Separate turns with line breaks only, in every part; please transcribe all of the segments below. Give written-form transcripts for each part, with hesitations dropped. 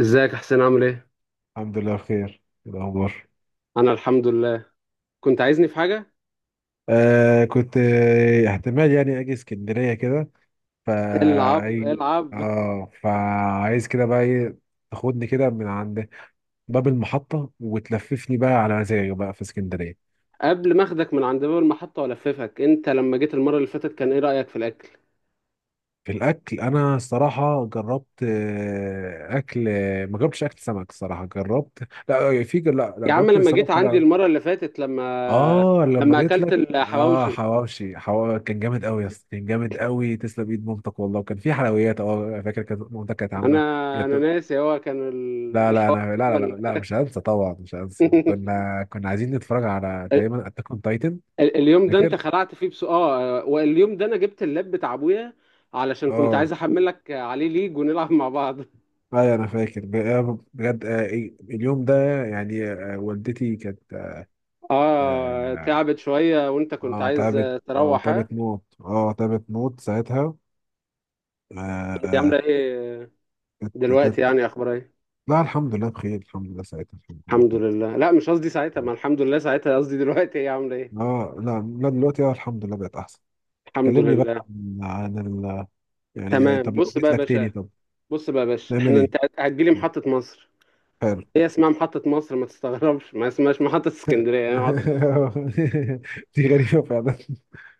ازيك يا حسين، عامل ايه؟
الحمد لله بخير. إيه الأخبار؟
انا الحمد لله. كنت عايزني في حاجة؟
آه كنت احتمال يعني أجي اسكندرية كده. فا
العب
أي.
العب.
آه فعايز كده بقى إيه. تاخدني كده من عند باب المحطة وتلففني بقى على مزاجي بقى في اسكندرية.
قبل ما اخدك من عند باب المحطة والففك، انت لما جيت المرة اللي فاتت كان ايه رأيك في الاكل؟
في الأكل أنا الصراحة جربت أكل. ما جربتش أكل سمك، الصراحة جربت. لا في، لا
يا عم،
جربت
لما جيت
سمك
عندي
كده.
المرة اللي فاتت
اه لما
لما
جيت
اكلت
لك. اه
الحواوشي.
حواوشي، حواوشي كان جامد قوي يا اسطى، كان جامد قوي، تسلم ايد مامتك والله. وكان في حلويات، اه فاكر كانت مامتك كانت
انا
عامله
انا
جاتو-
ناسي، هو كان
لا لا
الحواوشي
انا لا مش هنسى، طبعا مش هنسى. كنا عايزين نتفرج على
ال-
تقريبا اتاك اون تايتن.
اليوم ده انت
فاكر.
خلعت فيه بس واليوم ده انا جبت اللاب بتاع ابويا علشان كنت عايز
اه
احملك عليه ليج ونلعب مع بعض.
ايوه انا فاكر بجد. إيه، اليوم ده يعني، والدتي كانت.
اه،
اه
تعبت شوية وانت كنت عايز
تعبت، اه
تروح، ها؟
تعبت موت، اه تعبت موت ساعتها. آه،
هي
آه،
عاملة ايه
كانت.
دلوقتي؟ يعني اخبارها ايه؟
لا الحمد لله بخير، الحمد لله ساعتها الحمد لله
الحمد
كده.
لله. لا، مش قصدي ساعتها، ما الحمد لله ساعتها، قصدي دلوقتي هي عاملة ايه؟
اه لا لا دلوقتي اه الحمد لله بقت احسن.
الحمد
كلمني
لله.
بقى عن ال، يعني
تمام،
طب لو
بص بقى
جيت
يا
لك تاني
باشا
طب
بص بقى يا باشا
نعمل
احنا انت
ايه؟
هتجيلي محطة مصر.
حلو.
هي اسمها محطة مصر، ما تستغربش، ما اسمهاش محطة اسكندرية، يعني محطة مصر.
دي غريبة فعلا.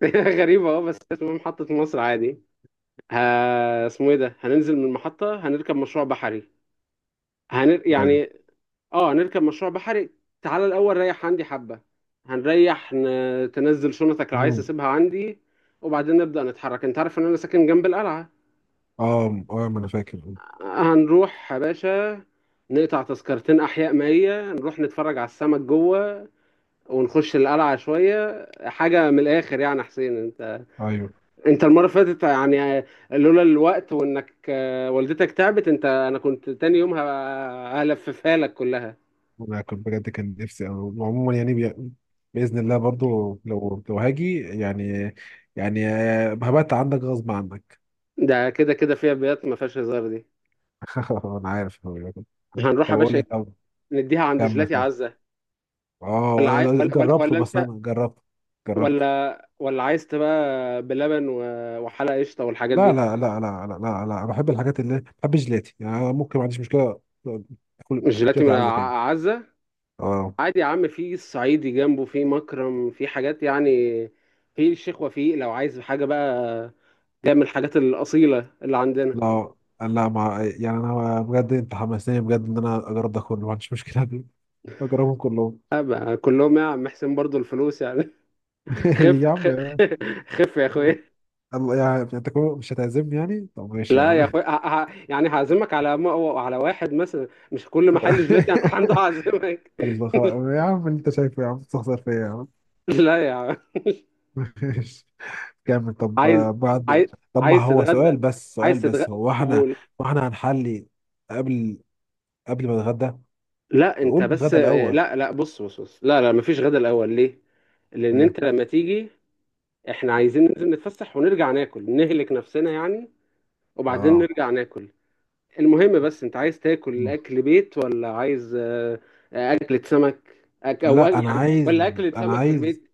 غريبة، اه، بس اسمها محطة مصر عادي. ها، اسمه ايه ده، هننزل من المحطة، هنركب مشروع بحري.
ايوه.
يعني اه نركب مشروع بحري. تعالى الاول ريح عندي حبه. هنريح تنزل شنطك لو عايز
مم.
تسيبها عندي، وبعدين نبدا نتحرك. انت عارف ان انا ساكن جنب القلعه.
اه اه ما انا فاكر.
هنروح يا باشا، نقطع تذكرتين احياء مائيه، نروح نتفرج على السمك جوه، ونخش القلعه شويه، حاجه من الاخر يعني. حسين، انت
ايوه
انت المره اللي فاتت يعني، لولا الوقت وانك والدتك تعبت انت، انا كنت تاني يوم هلففها لك كلها.
انا كنت بجد كان نفسي عموما يعني بي، باذن الله برضو لو هاجي يعني، يعني هبات عندك غصب عنك.
ده كده كده فيها بيات ما فيهاش هزار دي.
انا عارف. طب
هنروح يا
اقول
باشا،
لك. طب
نديها عند
كمل.
جيلاتي
طب
عزة.
اه
ولا عاي...
أنا
ولا, ولا
جربته،
ولا
بس
انت،
انا جربته جربته
ولا عايز تبقى بلبن وحلقة قشطة والحاجات
لا
دي.
لا لا لا لا لا لا بحب الحاجات اللي، بحب الجيلاتي يعني، أنا ممكن ما عنديش مشكله اكل
الجيلاتي
جيلاتي
من
عاوزه تاني.
عزة.
اه
عادي يا عم، في الصعيدي جنبه، في مكرم، في حاجات يعني. في الشيخ وفيق لو عايز حاجة بقى، جاية من الحاجات الأصيلة اللي عندنا.
لا لا، ما يعني انا بجد انت حمسني بجد ان انا اجرب ده كله، ما عنديش مشكله دي. بجربهم كلهم.
أبقى كلهم يا عم حسين، برضو الفلوس يعني. خف
يا عم،
خف يا اخويا.
الله يعني انت كمان مش هتعزمني يعني؟ طب ماشي يا
لا يا
عم.
اخويا، يعني هعزمك على على واحد مثلا، مش كل محل جيلاتي هنروح عنده هعزمك.
الله خلاص يا عم، اللي انت شايفه يا عم، تستخسر فيا يا عم.
لا يا عم.
ماشي. كامل طب
عايز
بعد.
عايز
طب ما
عايز
هو
تتغدى؟
سؤال، بس
عايز
سؤال، بس
تتغدى؟
هو احنا
قول.
واحنا هنحلي قبل، قبل ما نتغدى؟
لا، انت
قول
بس،
الغدا الاول.
لا لا، بص بص بص، لا لا، مفيش غدا الاول. ليه؟ لان
إيه؟
انت لما تيجي، احنا عايزين ننزل نتفسح، ونرجع ناكل نهلك نفسنا يعني. وبعدين
اه
نرجع ناكل. المهم بس، انت عايز تاكل اكل بيت، ولا عايز اكلة سمك؟
لا انا
يعني ولا
عايز،
اكلة
انا
سمك في
عايز،
البيت؟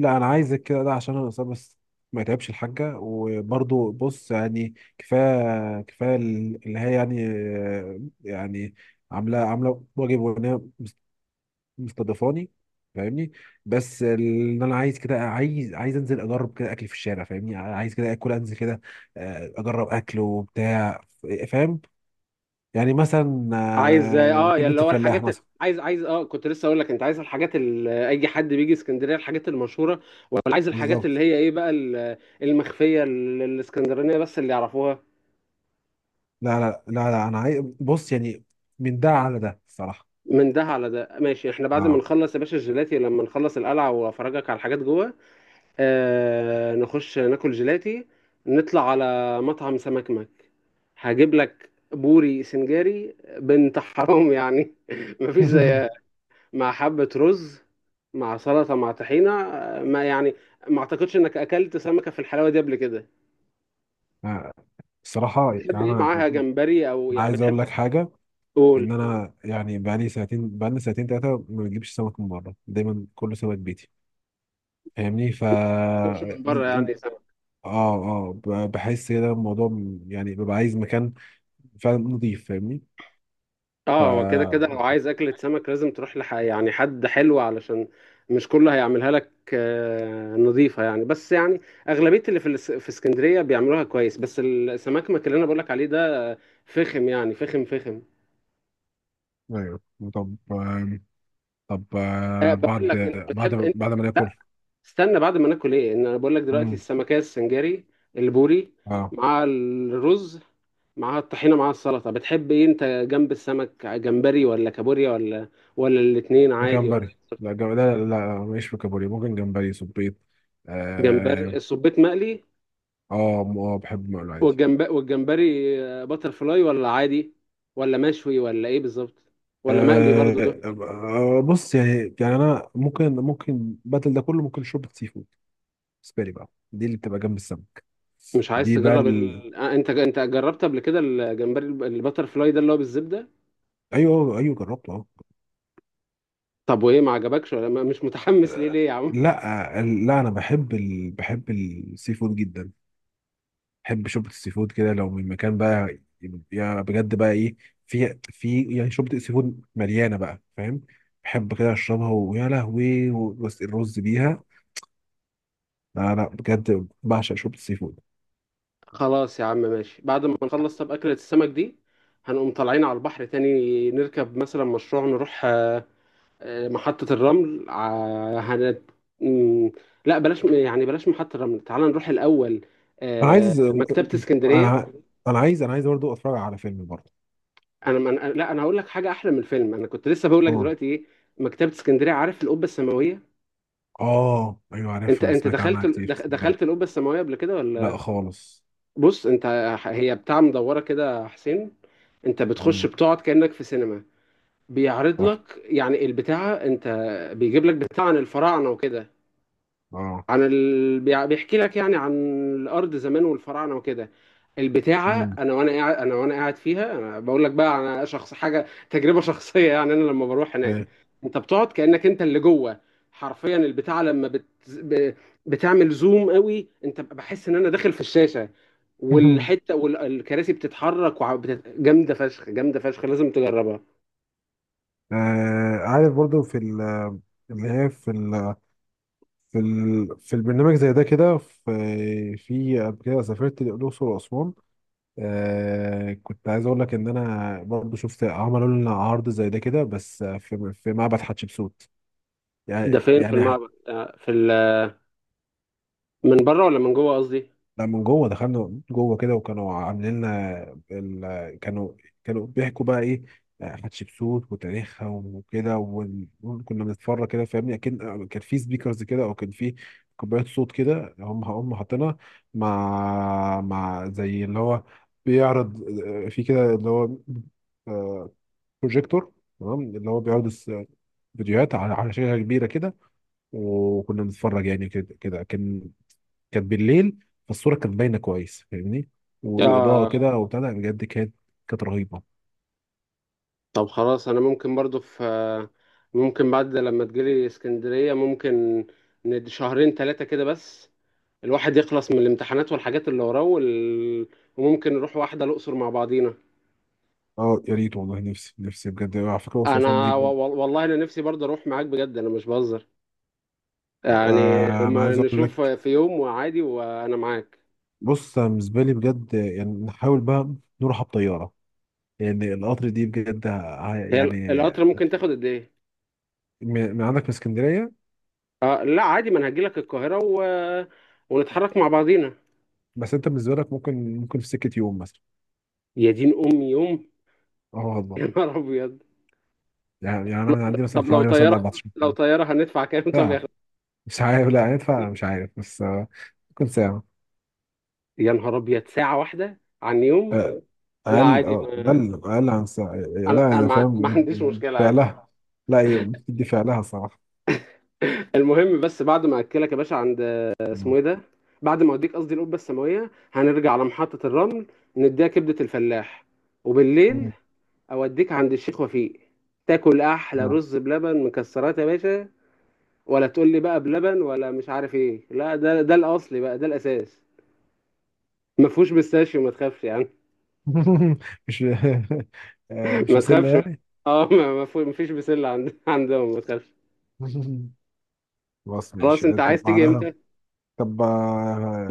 لا انا عايزك كده ده عشان انا اصلا بس ما يتعبش الحاجه. وبرضو بص يعني، كفايه كفايه اللي هي يعني، يعني عامله، عامله واجب وان هي مستضيفاني، فاهمني. بس ان انا عايز كده، عايز، عايز انزل اجرب كده اكل في الشارع، فاهمني، عايز كده اكل انزل كده اجرب اكل وبتاع، فاهم، يعني مثلا
عايز يا
كبده
اللي هو
الفلاح
الحاجات،
مثلا.
عايز كنت لسه اقول لك، انت عايز الحاجات اللي اي حد بيجي اسكندريه، الحاجات المشهوره، ولا عايز الحاجات
بالظبط.
اللي هي ايه بقى المخفيه الاسكندرانيه، بس اللي يعرفوها.
لا انا عايز بص يعني، من ده على ده الصراحه.
من ده على ده ماشي، احنا بعد ما
اه.
نخلص يا باشا الجيلاتي، لما نخلص القلعه وافرجك على الحاجات جوه، نخش ناكل جيلاتي، نطلع على مطعم سمك هجيب لك بوري سنجاري بنت حرام يعني، مفيش زيها، مع حبة رز، مع سلطة، مع طحينة، ما يعني ما اعتقدش انك اكلت سمكة في الحلاوة دي قبل كده.
آه، الصراحه
بتحب
يعني
ايه
انا
معاها، جمبري او يعني
عايز اقول
بتحب،
لك حاجه، ان
قول.
انا يعني بقالي ساعتين، بقالي ساعتين ثلاثه ما بجيبش سمك من بره، دايما كله سمك بيتي، فاهمني. ف
ما تطلبش من بره يعني سمك.
اه اه بحس كده الموضوع يعني ببقى عايز مكان فعلا نظيف، فاهمني. ف
اه، هو كده كده، لو عايز اكلة سمك لازم تروح يعني حد حلو، علشان مش كله هيعملها لك نظيفة يعني، بس يعني اغلبية اللي في في اسكندرية بيعملوها كويس، بس السمك اللي انا بقول لك عليه ده فخم يعني، فخم فخم.
ايوه. طب طب
أه، بقول
بعد،
لك، انت
بعد
بتحب انت،
ما ناكل.
استنى بعد ما ناكل ايه، ان انا بقول لك دلوقتي
مم.
السمكية السنجاري، البوري،
اه
مع الرز، مع الطحينة، مع السلطة، بتحب ايه انت جنب السمك، جمبري ولا كابوريا، ولا الاتنين عادي، ولا؟
جمبري، لا جم... لا لا لا، ماليش في كابوريا، ممكن جمبري صبيط.
جمبري
اه
الصبيط مقلي،
اه بحب مقلو عادي.
والجنب والجمبري، باتر فلاي ولا عادي، ولا مشوي، ولا ايه بالظبط؟ ولا مقلي برضو؟
آه بص يعني، يعني انا ممكن، ممكن بدل ده كله ممكن شوربه سي فود بالنسبه لي بقى، دي اللي بتبقى جنب السمك.
مش عايز
دي بقى
تجرب
ال،
ال... آه، انت جربت قبل كده الجمبري الباتر فلاي ده اللي هو بالزبدة؟
ايوه ايوه جربته اه.
طب وايه، ما عجبكش ولا مش متحمس ليه؟ ليه يا عم؟
لا لا انا بحب ال، بحب السي فود جدا. بحب شوربه السي فود كده لو من مكان بقى، يا بجد بقى ايه، في يعني شوربه السي فود مليانه بقى، فاهم؟ بحب كده اشربها ويا لهوي بس الرز بيها. لا لا بجد بعشق شوربه السي فود.
خلاص يا عم ماشي. بعد ما نخلص طب أكلة السمك دي، هنقوم طالعين على البحر تاني، نركب مثلا مشروع، نروح محطة الرمل ع- هن... مم، لا بلاش يعني، بلاش محطة الرمل، تعال نروح الأول
انا عايز، انا،
مكتبة اسكندرية.
انا عايز، انا عايز برضه اتفرج على فيلم برضه.
لا، أنا هقول لك حاجة أحلى من الفيلم. أنا كنت لسه بقول لك
اه
دلوقتي إيه، مكتبة اسكندرية، عارف القبة السماوية؟
اه ايوه
أنت
عارفها،
أنت
سمعت عنها
دخلت
كتير بس مش
دخلت
عارف.
القبة السماوية قبل كده
لا
ولا؟
خالص.
بص أنت، هي بتاع مدورة كده يا حسين. أنت بتخش
مم.
بتقعد كأنك في سينما. بيعرض
تحفه.
لك يعني البتاعة، انت بيجيب لك بتاع عن الفراعنة وكده،
اه.
عن بيحكي لك يعني عن الأرض زمان والفراعنة وكده. البتاعة،
مم.
أنا وأنا قاعد فيها، أنا بقول لك بقى، أنا شخص حاجة تجربة شخصية يعني. أنا لما بروح هناك،
إيه.
أنت بتقعد كأنك أنت اللي جوه، حرفيا. البتاعة لما بتعمل زوم قوي، أنت بحس إن أنا داخل في الشاشة، والحتة والكراسي بتتحرك، جامدة فشخ جامدة فشخ. لازم تجربها.
آه عارف برضو في اللي هي في ال، في في البرنامج زي ده كده، في، في قبل كده سافرت الأقصر وأسوان. آه كنت عايز أقول لك إن أنا برضو شفت، عملوا لنا عرض زي ده كده بس في معبد حتشبسوت
ده
يعني،
فين في
يعني
المعبد، من بره ولا من جوه قصدي؟
لا من جوه، دخلنا جوه كده وكانوا عاملين لنا ال، كانوا، كانوا بيحكوا بقى ايه، حتشبسوت وتاريخها وكده وكنا بنتفرج كده، فاهمني، اكيد كان في سبيكرز كده او كان في كوبايات صوت كده، هم حاطينها مع، زي اللي هو بيعرض، في كده اللي هو بروجيكتور، تمام، اللي هو بيعرض فيديوهات على، على شاشة كبيرة كده وكنا بنتفرج يعني، كده كده كان، كانت بالليل فالصوره كانت باينه كويس، فاهمني، واضاءه
اه،
كده وبتاع، لا، بجد كانت، كانت رهيبه.
طب خلاص، انا ممكن برضو في آه، ممكن بعد لما تجيلي اسكندرية، ممكن شهرين ثلاثة كده، بس الواحد يخلص من الامتحانات والحاجات اللي وراه وممكن نروح واحدة الأقصر مع بعضينا.
اه يا ريت والله، نفسي، نفسي بجد. على فكره الاقصر واسوان دي بجد.
والله انا نفسي برضو اروح معاك بجد، انا مش بهزر يعني،
آه انا
ما
عايز اقول
نشوف
لك،
في يوم وعادي وانا معاك.
بص أنا بالنسبه لي بجد يعني، نحاول بقى نروحها بطياره، يعني القطر دي بجد
هي
يعني،
القطر ممكن تاخد قد ايه؟
من من عندك من اسكندريه،
آه لا عادي، ما انا هجيلك القاهرة ونتحرك مع بعضينا.
بس انت بالنسبه لك ممكن، ممكن في سكه يوم مثلا.
يا دين امي، يوم؟
اه بالظبط.
يا نهار ابيض.
يعني، يعني انا من عندي مثلا
طب لو
حوالي مثلا
طيارة،
14
هندفع كام؟ طب يا
ساعه.
أخي؟
مش عارف، لا هندفع مش عارف بس ممكن ساعه.
يا نهار ابيض، ساعة واحدة عن يوم؟
آه،
لا
اقل،
عادي،
اه
ما
اقل، اقل عن ساعة.
انا،
لا انا
ما
فاهم.
عنديش مشكلة، عادي.
فعلها، لا هي بتدي فعلها صراحة.
المهم بس بعد ما اكلك يا باشا عند، اسمه
مم.
ايه ده، بعد ما اوديك قصدي القبة السماوية، هنرجع على محطة الرمل، نديها كبدة الفلاح، وبالليل
مم.
اوديك عند الشيخ وفيق، تاكل احلى رز بلبن مكسرات يا باشا. ولا تقول لي بقى بلبن ولا مش عارف ايه، لا ده الاصلي بقى، ده الاساس، ما فيهوش بيستاشيو، ما تخافش يعني.
مش مش
ما
مسلة
تخافش.
يعني.
اه، ما فيش بسله عندهم، ما تخافش.
خلاص
خلاص،
ماشي
انت
طب
عايز تيجي
بعدها.
امتى؟
طب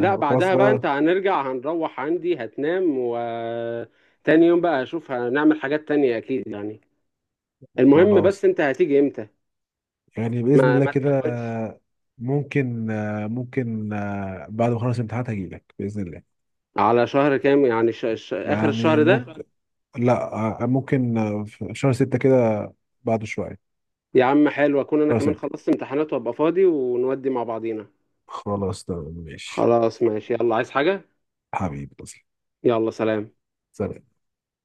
لا
خلاص
بعدها بقى،
بقى،
انت هنرجع هنروح عندي هتنام، و تاني يوم بقى هشوف، هنعمل حاجات تانية اكيد يعني. المهم بس،
خلاص.
انت هتيجي امتى؟
يعني بإذن
ما
الله
ما
كده،
تكروتش.
ممكن، ممكن بعد ما اخلص الامتحانات هجيلك بإذن الله.
على شهر كام يعني، اخر
يعني
الشهر ده؟
ممكن، لا ممكن في شهر ستة كده، بعده شوية.
يا عم حلو، اكون انا
شهر
كمان
ستة.
خلصت امتحانات وابقى فاضي ونودي مع بعضينا.
خلاص تمام ماشي.
خلاص ماشي، يلا، عايز حاجة؟
حبيبي.
يلا، سلام.
سلام.